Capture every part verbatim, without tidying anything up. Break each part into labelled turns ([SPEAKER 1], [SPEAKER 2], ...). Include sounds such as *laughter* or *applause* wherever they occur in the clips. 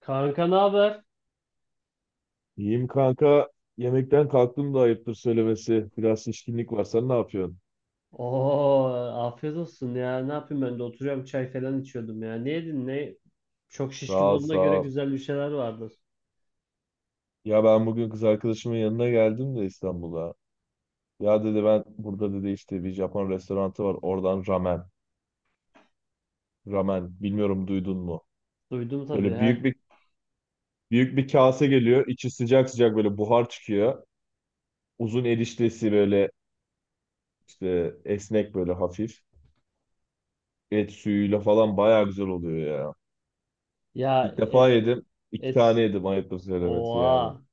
[SPEAKER 1] Kanka ne haber?
[SPEAKER 2] İyiyim kanka. Yemekten kalktım da ayıptır söylemesi. Biraz şişkinlik var. Sen ne yapıyorsun?
[SPEAKER 1] Oo, afiyet olsun ya. Ne yapayım ben de oturuyorum çay falan içiyordum ya. Ne yedin ne? Çok
[SPEAKER 2] Sağ
[SPEAKER 1] şişkin
[SPEAKER 2] ol,
[SPEAKER 1] olduğuna
[SPEAKER 2] sağ
[SPEAKER 1] göre
[SPEAKER 2] ol.
[SPEAKER 1] güzel bir şeyler vardır.
[SPEAKER 2] Ya ben bugün kız arkadaşımın yanına geldim de İstanbul'a. Ya dedi ben burada dedi işte bir Japon restoranı var. Oradan ramen. Ramen. Bilmiyorum duydun mu?
[SPEAKER 1] Duydum tabii
[SPEAKER 2] Böyle büyük
[SPEAKER 1] he.
[SPEAKER 2] bir büyük bir kase geliyor. İçi sıcak sıcak böyle buhar çıkıyor. Uzun eriştesi böyle işte esnek böyle hafif. Et suyuyla falan bayağı güzel oluyor ya.
[SPEAKER 1] Ya
[SPEAKER 2] İlk defa
[SPEAKER 1] e-
[SPEAKER 2] yedim. İki tane
[SPEAKER 1] et.
[SPEAKER 2] yedim ayıptır söylemesi yani.
[SPEAKER 1] Oha.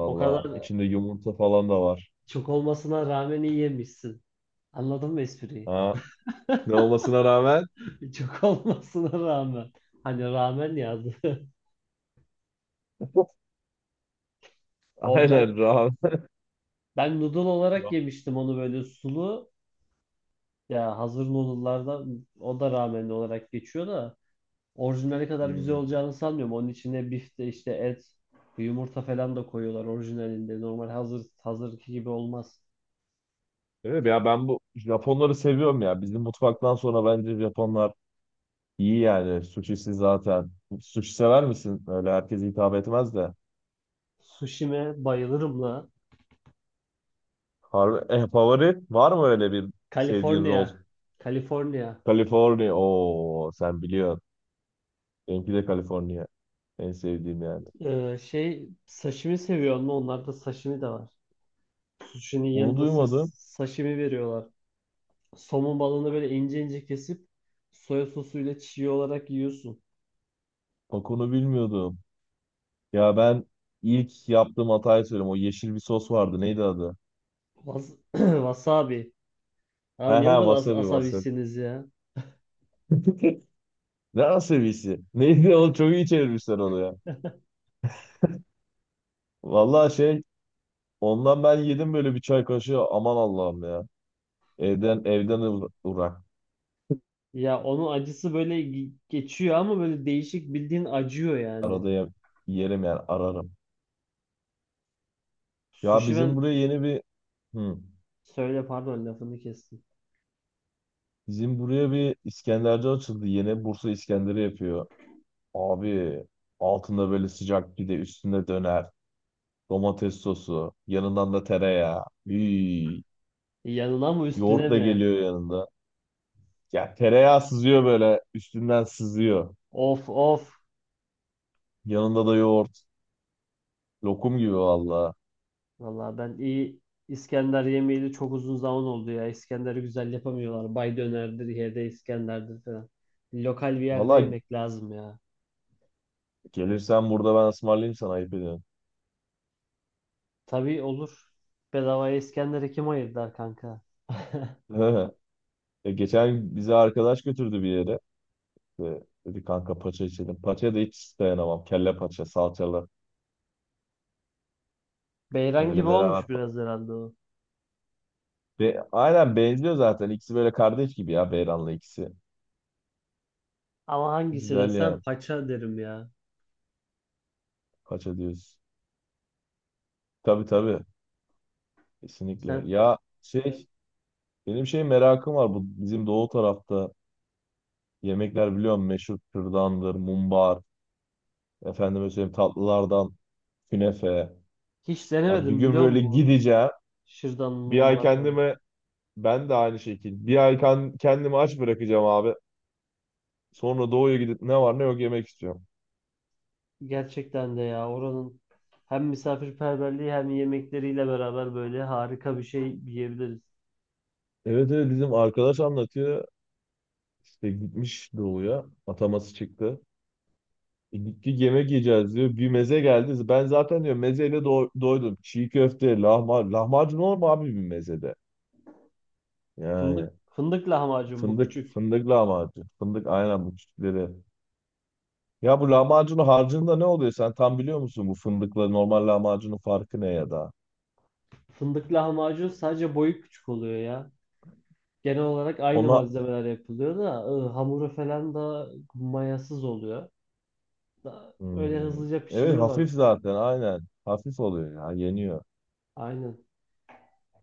[SPEAKER 1] O kadar
[SPEAKER 2] içinde yumurta falan da var.
[SPEAKER 1] çok olmasına rağmen iyi yemişsin. Anladın mı espriyi?
[SPEAKER 2] Ha, ne olmasına rağmen.
[SPEAKER 1] *laughs* Çok olmasına rağmen. Hani rağmen yazdı. *laughs*
[SPEAKER 2] *laughs*
[SPEAKER 1] O ben
[SPEAKER 2] Aynen rahat.
[SPEAKER 1] ben noodle olarak
[SPEAKER 2] Yok.
[SPEAKER 1] yemiştim onu böyle sulu. Ya hazır noodle'lardan o da rağmen olarak geçiyor da. Orijinali kadar güzel
[SPEAKER 2] Hmm.
[SPEAKER 1] olacağını sanmıyorum. Onun içine bifte işte et, yumurta falan da koyuyorlar orijinalinde. Normal hazır hazırki gibi olmaz.
[SPEAKER 2] Evet ya ben bu Japonları seviyorum ya. Bizim mutfaktan sonra bence Japonlar iyi yani. Sushisi zaten. Sushi sever misin? Öyle herkes hitap etmez de.
[SPEAKER 1] Sushi'me bayılırım la.
[SPEAKER 2] Harbi, e, favori var mı öyle bir sevdiğin
[SPEAKER 1] Kaliforniya.
[SPEAKER 2] rol?
[SPEAKER 1] Kaliforniya.
[SPEAKER 2] California. Oo sen biliyorsun. Benimki de California. En sevdiğim yani.
[SPEAKER 1] Ee, şey sashimi seviyor mu? Onlarda sashimi de var. Sushi'nin
[SPEAKER 2] Onu
[SPEAKER 1] yanında sa-
[SPEAKER 2] duymadım.
[SPEAKER 1] sashimi veriyorlar. Somon balığını böyle ince ince kesip soya sosuyla çiğ olarak yiyorsun.
[SPEAKER 2] Bak onu bilmiyordum. Ya ben ilk yaptığım hatayı söyleyeyim. O yeşil bir sos vardı. Neydi adı?
[SPEAKER 1] Was- *clears throat* Wasabi.
[SPEAKER 2] He
[SPEAKER 1] Abi
[SPEAKER 2] he
[SPEAKER 1] niye o kadar as
[SPEAKER 2] wasabi wasabi.
[SPEAKER 1] asabisiniz ya?
[SPEAKER 2] *laughs* Ne wasabisi? Neydi o? Çok iyi çevirmişler onu ya. Vallahi şey ondan ben yedim böyle bir çay kaşığı. Aman Allah'ım ya.
[SPEAKER 1] *laughs*
[SPEAKER 2] Evden evden uğra- uğrak.
[SPEAKER 1] Ya onun acısı böyle ge- geçiyor ama böyle değişik bildiğin acıyor yani.
[SPEAKER 2] Arada ye- yerim yani ararım. Ya
[SPEAKER 1] Sushi
[SPEAKER 2] bizim
[SPEAKER 1] ben
[SPEAKER 2] buraya yeni bir hı,
[SPEAKER 1] söyle, pardon, lafını kestim.
[SPEAKER 2] bizim buraya bir İskenderci açıldı. Yeni Bursa İskender'i yapıyor. Abi altında böyle sıcak pide üstünde döner. Domates sosu. Yanından da tereyağı. Hii.
[SPEAKER 1] E, Yanına mı üstüne
[SPEAKER 2] Yoğurt da
[SPEAKER 1] mi?
[SPEAKER 2] geliyor yanında. Ya tereyağı sızıyor böyle. Üstünden sızıyor.
[SPEAKER 1] Of of.
[SPEAKER 2] Yanında da yoğurt. Lokum gibi valla.
[SPEAKER 1] Valla ben iyi İskender yemeğiyle çok uzun zaman oldu ya. İskender'i güzel yapamıyorlar. Bay dönerdir, yerde İskender'dir falan. Lokal bir yerde
[SPEAKER 2] Valla
[SPEAKER 1] yemek lazım ya.
[SPEAKER 2] gelirsen burada ben ısmarlayayım sana ayıp ediyorum.
[SPEAKER 1] Tabii olur. Bedavaya İskender'i kim ayırdı kanka? *laughs*
[SPEAKER 2] *laughs* E, geçen bize arkadaş götürdü bir yere. İşte dedi kanka paça içelim. Paça da hiç dayanamam. Kelle paça, salçalı.
[SPEAKER 1] Beyran gibi
[SPEAKER 2] Öyle beraber.
[SPEAKER 1] olmuş
[SPEAKER 2] pa-
[SPEAKER 1] biraz herhalde o.
[SPEAKER 2] Ve aynen benziyor zaten. İkisi böyle kardeş gibi ya Beyran'la ikisi.
[SPEAKER 1] Ama hangisi
[SPEAKER 2] Güzel
[SPEAKER 1] desem
[SPEAKER 2] yani.
[SPEAKER 1] paça derim ya.
[SPEAKER 2] Paça diyoruz. Tabii tabii. Kesinlikle.
[SPEAKER 1] Sen
[SPEAKER 2] Ya şey benim şey merakım var, bu bizim doğu tarafta yemekler biliyorum meşhur kürdandır, mumbar, efendime söyleyeyim tatlılardan künefe.
[SPEAKER 1] hiç
[SPEAKER 2] Ya bir
[SPEAKER 1] denemedim
[SPEAKER 2] gün
[SPEAKER 1] biliyor
[SPEAKER 2] böyle
[SPEAKER 1] musun?
[SPEAKER 2] gideceğim.
[SPEAKER 1] Şırdan
[SPEAKER 2] Bir ay
[SPEAKER 1] mumbar falan.
[SPEAKER 2] kendime ben de aynı şekilde bir ay kan- kendimi aç bırakacağım abi. Sonra doğuya gidip ne var ne yok yemek istiyorum.
[SPEAKER 1] Gerçekten de ya oranın hem misafirperverliği hem yemekleriyle beraber böyle harika bir şey yiyebiliriz.
[SPEAKER 2] Evet evet bizim arkadaş anlatıyor. İşte gitmiş doğuya. Ataması çıktı. E, Gittik yemek yiyeceğiz diyor. Bir meze geldi. Ben zaten diyor mezeyle do- doydum. Çiğ köfte, lahmacun. Lahmacun olur mu abi bir mezede?
[SPEAKER 1] Fındık
[SPEAKER 2] Yani
[SPEAKER 1] fındık lahmacun bu
[SPEAKER 2] fındık,
[SPEAKER 1] küçük.
[SPEAKER 2] fındık lahmacun. Fındık aynen bu küçükleri. Ya bu lahmacunun harcında ne oluyor? Sen tam biliyor musun bu fındıkla normal lahmacunun farkı ne ya da?
[SPEAKER 1] Fındık lahmacun sadece boyu küçük oluyor ya. Genel olarak aynı
[SPEAKER 2] Ona
[SPEAKER 1] malzemeler yapılıyor da e, hamuru falan da mayasız oluyor. Da, öyle
[SPEAKER 2] Hmm,
[SPEAKER 1] hızlıca
[SPEAKER 2] evet
[SPEAKER 1] pişiriyorlar.
[SPEAKER 2] hafif zaten aynen. Hafif oluyor ya yeniyor.
[SPEAKER 1] Aynen.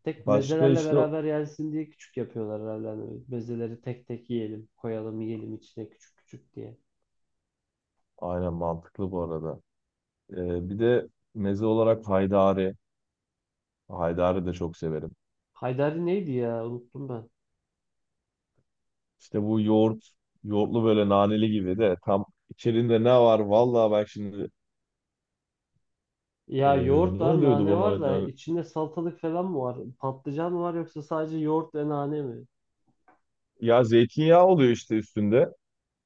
[SPEAKER 1] Tek
[SPEAKER 2] Başka
[SPEAKER 1] mezelerle
[SPEAKER 2] işte
[SPEAKER 1] beraber yensin diye küçük yapıyorlar herhalde. Hani mezeleri tek tek yiyelim, koyalım, yiyelim içine küçük küçük diye.
[SPEAKER 2] aynen mantıklı bu arada. E, bir de meze olarak haydari. Haydari de çok severim.
[SPEAKER 1] Haydari neydi ya? Unuttum ben.
[SPEAKER 2] İşte bu yoğurt, yoğurtlu böyle naneli gibi de tam içerinde ne var? Vallahi bak şimdi e,
[SPEAKER 1] Ya yoğurt
[SPEAKER 2] ne
[SPEAKER 1] var,
[SPEAKER 2] oluyordu
[SPEAKER 1] nane
[SPEAKER 2] bu
[SPEAKER 1] var da
[SPEAKER 2] halde?
[SPEAKER 1] içinde salatalık falan mı var? Patlıcan mı var yoksa sadece yoğurt ve nane mi?
[SPEAKER 2] Ya zeytinyağı oluyor işte üstünde.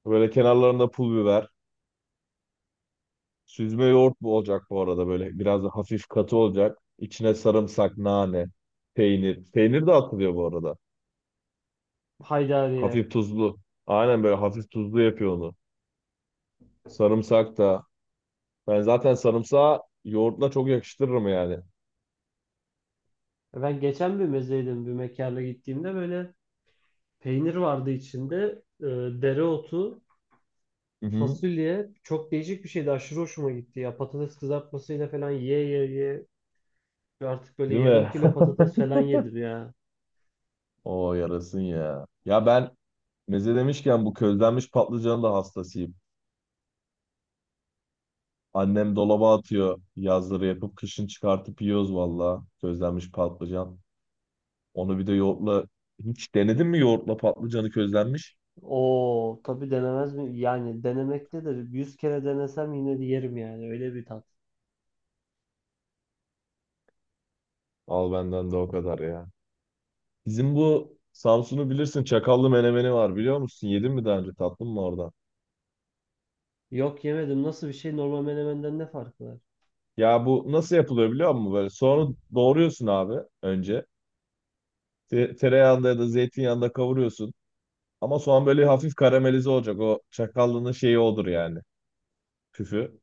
[SPEAKER 2] Böyle kenarlarında pul biber. Süzme yoğurt bu olacak bu arada böyle biraz da hafif katı olacak. İçine sarımsak, nane, peynir. Peynir de atılıyor bu arada.
[SPEAKER 1] Haydariye.
[SPEAKER 2] Hafif tuzlu. Aynen böyle hafif tuzlu yapıyor onu. Sarımsak da. Ben zaten sarımsağı yoğurtla çok yakıştırırım yani.
[SPEAKER 1] E ben geçen bir mezeydim bir mekana gittiğimde böyle peynir vardı içinde. E, dereotu,
[SPEAKER 2] Hı hı.
[SPEAKER 1] fasulye çok değişik bir şeydi. Aşırı hoşuma gitti ya. Patates kızartmasıyla falan ye ye ye artık böyle
[SPEAKER 2] Değil
[SPEAKER 1] yarım
[SPEAKER 2] mi?
[SPEAKER 1] kilo patates falan yedir ya.
[SPEAKER 2] *laughs* O yarasın ya. Ya ben Meze demişken bu közlenmiş patlıcanın da hastasıyım. Annem dolaba atıyor yazları yapıp kışın çıkartıp yiyoruz valla közlenmiş patlıcan. Onu bir de yoğurtla hiç denedin mi yoğurtla patlıcanı közlenmiş?
[SPEAKER 1] Oo tabii denemez mi? Yani denemektedir. Yüz kere denesem yine de yerim yani. Öyle bir tat.
[SPEAKER 2] Al benden de o kadar ya. Bizim bu Samsun'u bilirsin çakallı menemeni var biliyor musun? Yedin mi daha önce tatlın mı oradan?
[SPEAKER 1] Yok yemedim. Nasıl bir şey? Normal menemenden ne farkı var?
[SPEAKER 2] Ya bu nasıl yapılıyor biliyor musun? Böyle soğanı doğruyorsun abi önce. Te- tereyağında ya da zeytinyağında kavuruyorsun. Ama soğan böyle hafif karamelize olacak. O çakallının şeyi odur yani. Küfü.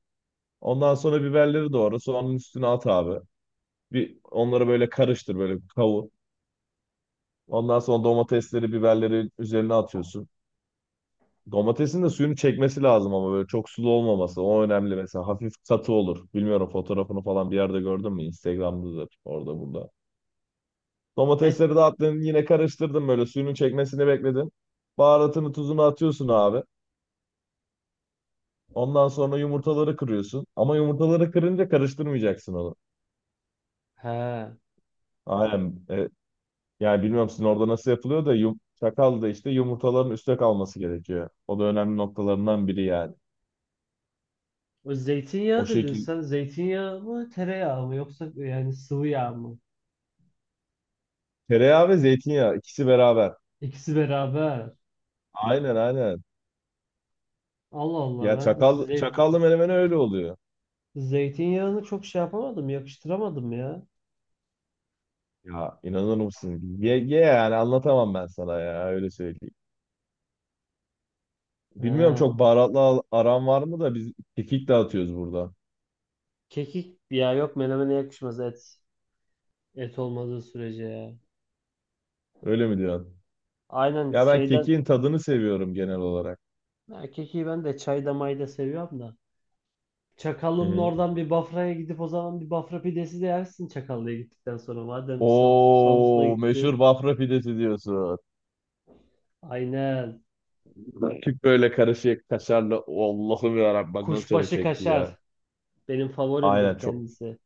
[SPEAKER 2] Ondan sonra biberleri doğra. Soğanın üstüne at abi. Bir onları böyle karıştır böyle kavur. Ondan sonra domatesleri, biberleri üzerine atıyorsun. Domatesin de suyunu çekmesi lazım ama böyle çok sulu olmaması. O önemli mesela. Hafif katı olur. Bilmiyorum fotoğrafını falan bir yerde gördün mü? Instagram'dadır orada burada.
[SPEAKER 1] Ben...
[SPEAKER 2] Domatesleri de attın yine karıştırdın böyle suyunun çekmesini bekledin. Baharatını tuzunu atıyorsun abi. Ondan sonra yumurtaları kırıyorsun. Ama yumurtaları kırınca karıştırmayacaksın onu.
[SPEAKER 1] He.
[SPEAKER 2] Aynen. Ee, yani bilmiyorum sizin orada nasıl yapılıyor da yum çakal da işte yumurtaların üstte kalması gerekiyor. O da önemli noktalarından biri yani.
[SPEAKER 1] O
[SPEAKER 2] O
[SPEAKER 1] zeytinyağı dedin
[SPEAKER 2] şekil
[SPEAKER 1] sen. Zeytinyağı mı tereyağı mı? Yoksa yani sıvı yağ mı?
[SPEAKER 2] tereyağı ve zeytinyağı ikisi beraber.
[SPEAKER 1] İkisi beraber.
[SPEAKER 2] Aynen aynen.
[SPEAKER 1] Allah Allah
[SPEAKER 2] Ya
[SPEAKER 1] ben
[SPEAKER 2] çakal
[SPEAKER 1] zey-
[SPEAKER 2] çakallı menemen öyle oluyor.
[SPEAKER 1] zeytinyağını çok şey yapamadım. Yakıştıramadım ya.
[SPEAKER 2] Ya inanır mısın? Ye, ye yani anlatamam ben sana ya öyle söyleyeyim. Bilmiyorum
[SPEAKER 1] He.
[SPEAKER 2] çok baharatlı al- aran var mı da biz kekik dağıtıyoruz burada.
[SPEAKER 1] Kekik ya yok menemene yakışmaz et. Et olmadığı sürece ya.
[SPEAKER 2] Öyle mi diyorsun?
[SPEAKER 1] Aynen
[SPEAKER 2] Ya ben
[SPEAKER 1] şeyden
[SPEAKER 2] kekiğin tadını seviyorum genel olarak.
[SPEAKER 1] erkeği ben de çay damayı da seviyorum da.
[SPEAKER 2] Hı
[SPEAKER 1] Çakallı'nın
[SPEAKER 2] hı.
[SPEAKER 1] oradan bir Bafra'ya gidip o zaman bir Bafra pidesi de yersin Çakallı'ya gittikten sonra. Madem Sam- Samsun'a
[SPEAKER 2] Oo meşhur
[SPEAKER 1] gittin.
[SPEAKER 2] Bafra pidesi diyorsun.
[SPEAKER 1] Aynen.
[SPEAKER 2] Küp böyle karışık kaşarlı. Allah'ım ya bak nasıl canım
[SPEAKER 1] Kuşbaşı
[SPEAKER 2] çekti
[SPEAKER 1] kaşar.
[SPEAKER 2] ya.
[SPEAKER 1] Benim
[SPEAKER 2] Aynen
[SPEAKER 1] favorimdir
[SPEAKER 2] çok.
[SPEAKER 1] kendisi.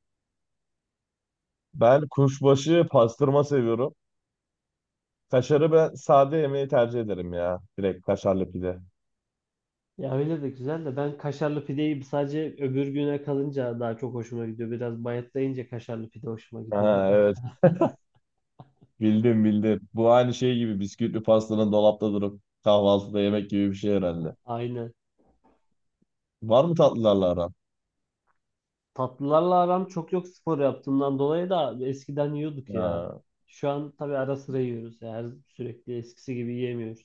[SPEAKER 2] Ben kuşbaşı pastırma seviyorum. Kaşarı ben sade yemeği tercih ederim ya. Direkt kaşarlı pide.
[SPEAKER 1] Ya öyle de güzel de ben kaşarlı pideyi sadece öbür güne kalınca daha çok hoşuma gidiyor. Biraz bayatlayınca kaşarlı pide hoşuma gidiyor.
[SPEAKER 2] Ha, evet bildim bildim. Bu aynı şey gibi bisküvili pastanın dolapta durup kahvaltıda yemek gibi bir şey herhalde.
[SPEAKER 1] *laughs* Aynen.
[SPEAKER 2] Var mı tatlılarla aran?
[SPEAKER 1] Tatlılarla aram çok yok, spor yaptığımdan dolayı da eskiden yiyorduk ya.
[SPEAKER 2] Ha.
[SPEAKER 1] Şu an tabii ara sıra yiyoruz ya. Her sürekli eskisi gibi yiyemiyoruz.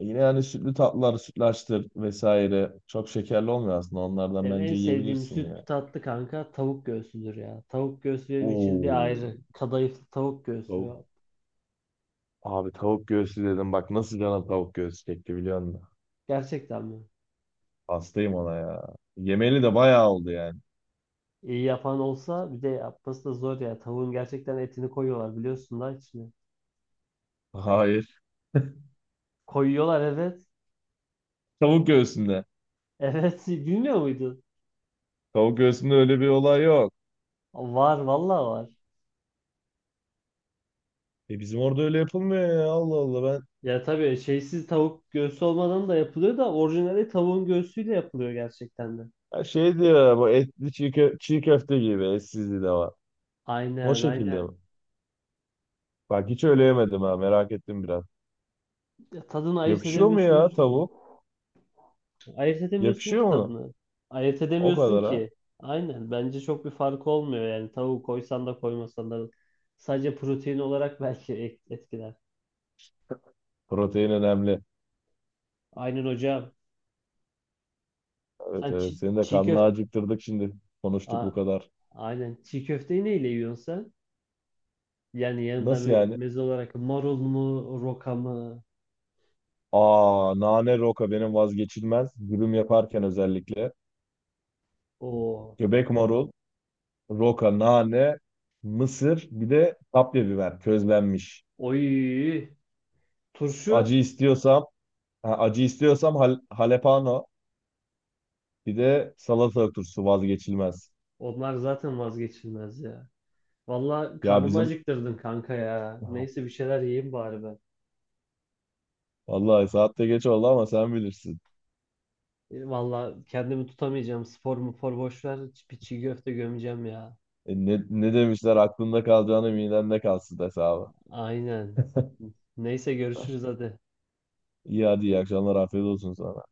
[SPEAKER 2] Yine yani sütlü tatlılar, sütlaçtır vesaire. Çok şekerli olmuyor aslında. Onlardan
[SPEAKER 1] Benim en
[SPEAKER 2] bence
[SPEAKER 1] sevdiğim
[SPEAKER 2] yiyebilirsin
[SPEAKER 1] sütlü
[SPEAKER 2] ya.
[SPEAKER 1] tatlı kanka tavuk göğsüdür ya. Tavuk göğsü benim için bir
[SPEAKER 2] Oo.
[SPEAKER 1] ayrı. Kadayıflı tavuk göğsü
[SPEAKER 2] Tavuk.
[SPEAKER 1] ya.
[SPEAKER 2] Abi tavuk göğsü dedim. Bak nasıl canım tavuk göğsü çekti biliyor musun?
[SPEAKER 1] Gerçekten mi?
[SPEAKER 2] Hastayım ona ya. Yemeli de bayağı oldu yani.
[SPEAKER 1] İyi yapan olsa, bir de yapması da zor ya. Tavuğun gerçekten etini koyuyorlar biliyorsun da içine.
[SPEAKER 2] *laughs* Hayır.
[SPEAKER 1] Koyuyorlar, evet. *laughs*
[SPEAKER 2] Tavuk göğsünde.
[SPEAKER 1] Evet, bilmiyor muydun?
[SPEAKER 2] Tavuk göğsünde öyle bir olay yok.
[SPEAKER 1] Var vallahi var.
[SPEAKER 2] E bizim orada öyle yapılmıyor ya. Allah Allah ben.
[SPEAKER 1] Ya tabii şeysiz tavuk göğsü olmadan da yapılıyor da orijinali tavuğun göğsüyle yapılıyor gerçekten de.
[SPEAKER 2] Ha şey diyor ya, bu etli çiğ, kö- çiğ köfte gibi etsizliği de var. O
[SPEAKER 1] Aynen
[SPEAKER 2] şekilde
[SPEAKER 1] aynen.
[SPEAKER 2] mi? Bak hiç öyle yemedim ha merak ettim biraz.
[SPEAKER 1] Ya tadını ayırt
[SPEAKER 2] Yakışıyor mu ya
[SPEAKER 1] edemiyorsundur ki.
[SPEAKER 2] tavuk?
[SPEAKER 1] Ayırt edemiyorsun ki
[SPEAKER 2] Yakışıyor mu?
[SPEAKER 1] tadını. Ayırt
[SPEAKER 2] O
[SPEAKER 1] edemiyorsun
[SPEAKER 2] kadar ha.
[SPEAKER 1] ki. Aynen. Bence çok bir farkı olmuyor yani. Tavuğu koysan da koymasan da. Sadece protein olarak *laughs* belki et- etkiler.
[SPEAKER 2] Protein önemli.
[SPEAKER 1] Aynen hocam. Sen
[SPEAKER 2] Evet evet
[SPEAKER 1] çi-
[SPEAKER 2] seni de
[SPEAKER 1] çiğ
[SPEAKER 2] karnını
[SPEAKER 1] köfte...
[SPEAKER 2] acıktırdık şimdi. Konuştuk bu kadar.
[SPEAKER 1] aynen. Çiğ köfteyi neyle yiyorsun sen? Yani yanında
[SPEAKER 2] Nasıl
[SPEAKER 1] me-
[SPEAKER 2] yani?
[SPEAKER 1] meze olarak marul mu, roka mı?
[SPEAKER 2] Aa, nane roka benim vazgeçilmez. Dürüm yaparken özellikle.
[SPEAKER 1] O.
[SPEAKER 2] Göbek marul, roka, nane, mısır, bir de kapya biber közlenmiş.
[SPEAKER 1] Oy. Turşu,
[SPEAKER 2] Acı istiyorsam, ha, acı istiyorsam hal, halepano, bir de salata turşusu vazgeçilmez.
[SPEAKER 1] onlar zaten vazgeçilmez ya. Valla
[SPEAKER 2] Ya
[SPEAKER 1] karnımı
[SPEAKER 2] bizim
[SPEAKER 1] acıktırdın kanka ya. Neyse bir şeyler yiyeyim bari ben.
[SPEAKER 2] vallahi saatte geç oldu ama sen bilirsin.
[SPEAKER 1] E, Valla kendimi tutamayacağım. Spor mu spor boş ver. Bir çiğ köfte gömeceğim ya.
[SPEAKER 2] E, ne, ne demişler aklında kalacağını midende kalsın hesabı.
[SPEAKER 1] Aynen. Neyse görüşürüz hadi.
[SPEAKER 2] İyi hadi iyi akşamlar afiyet olsun sana.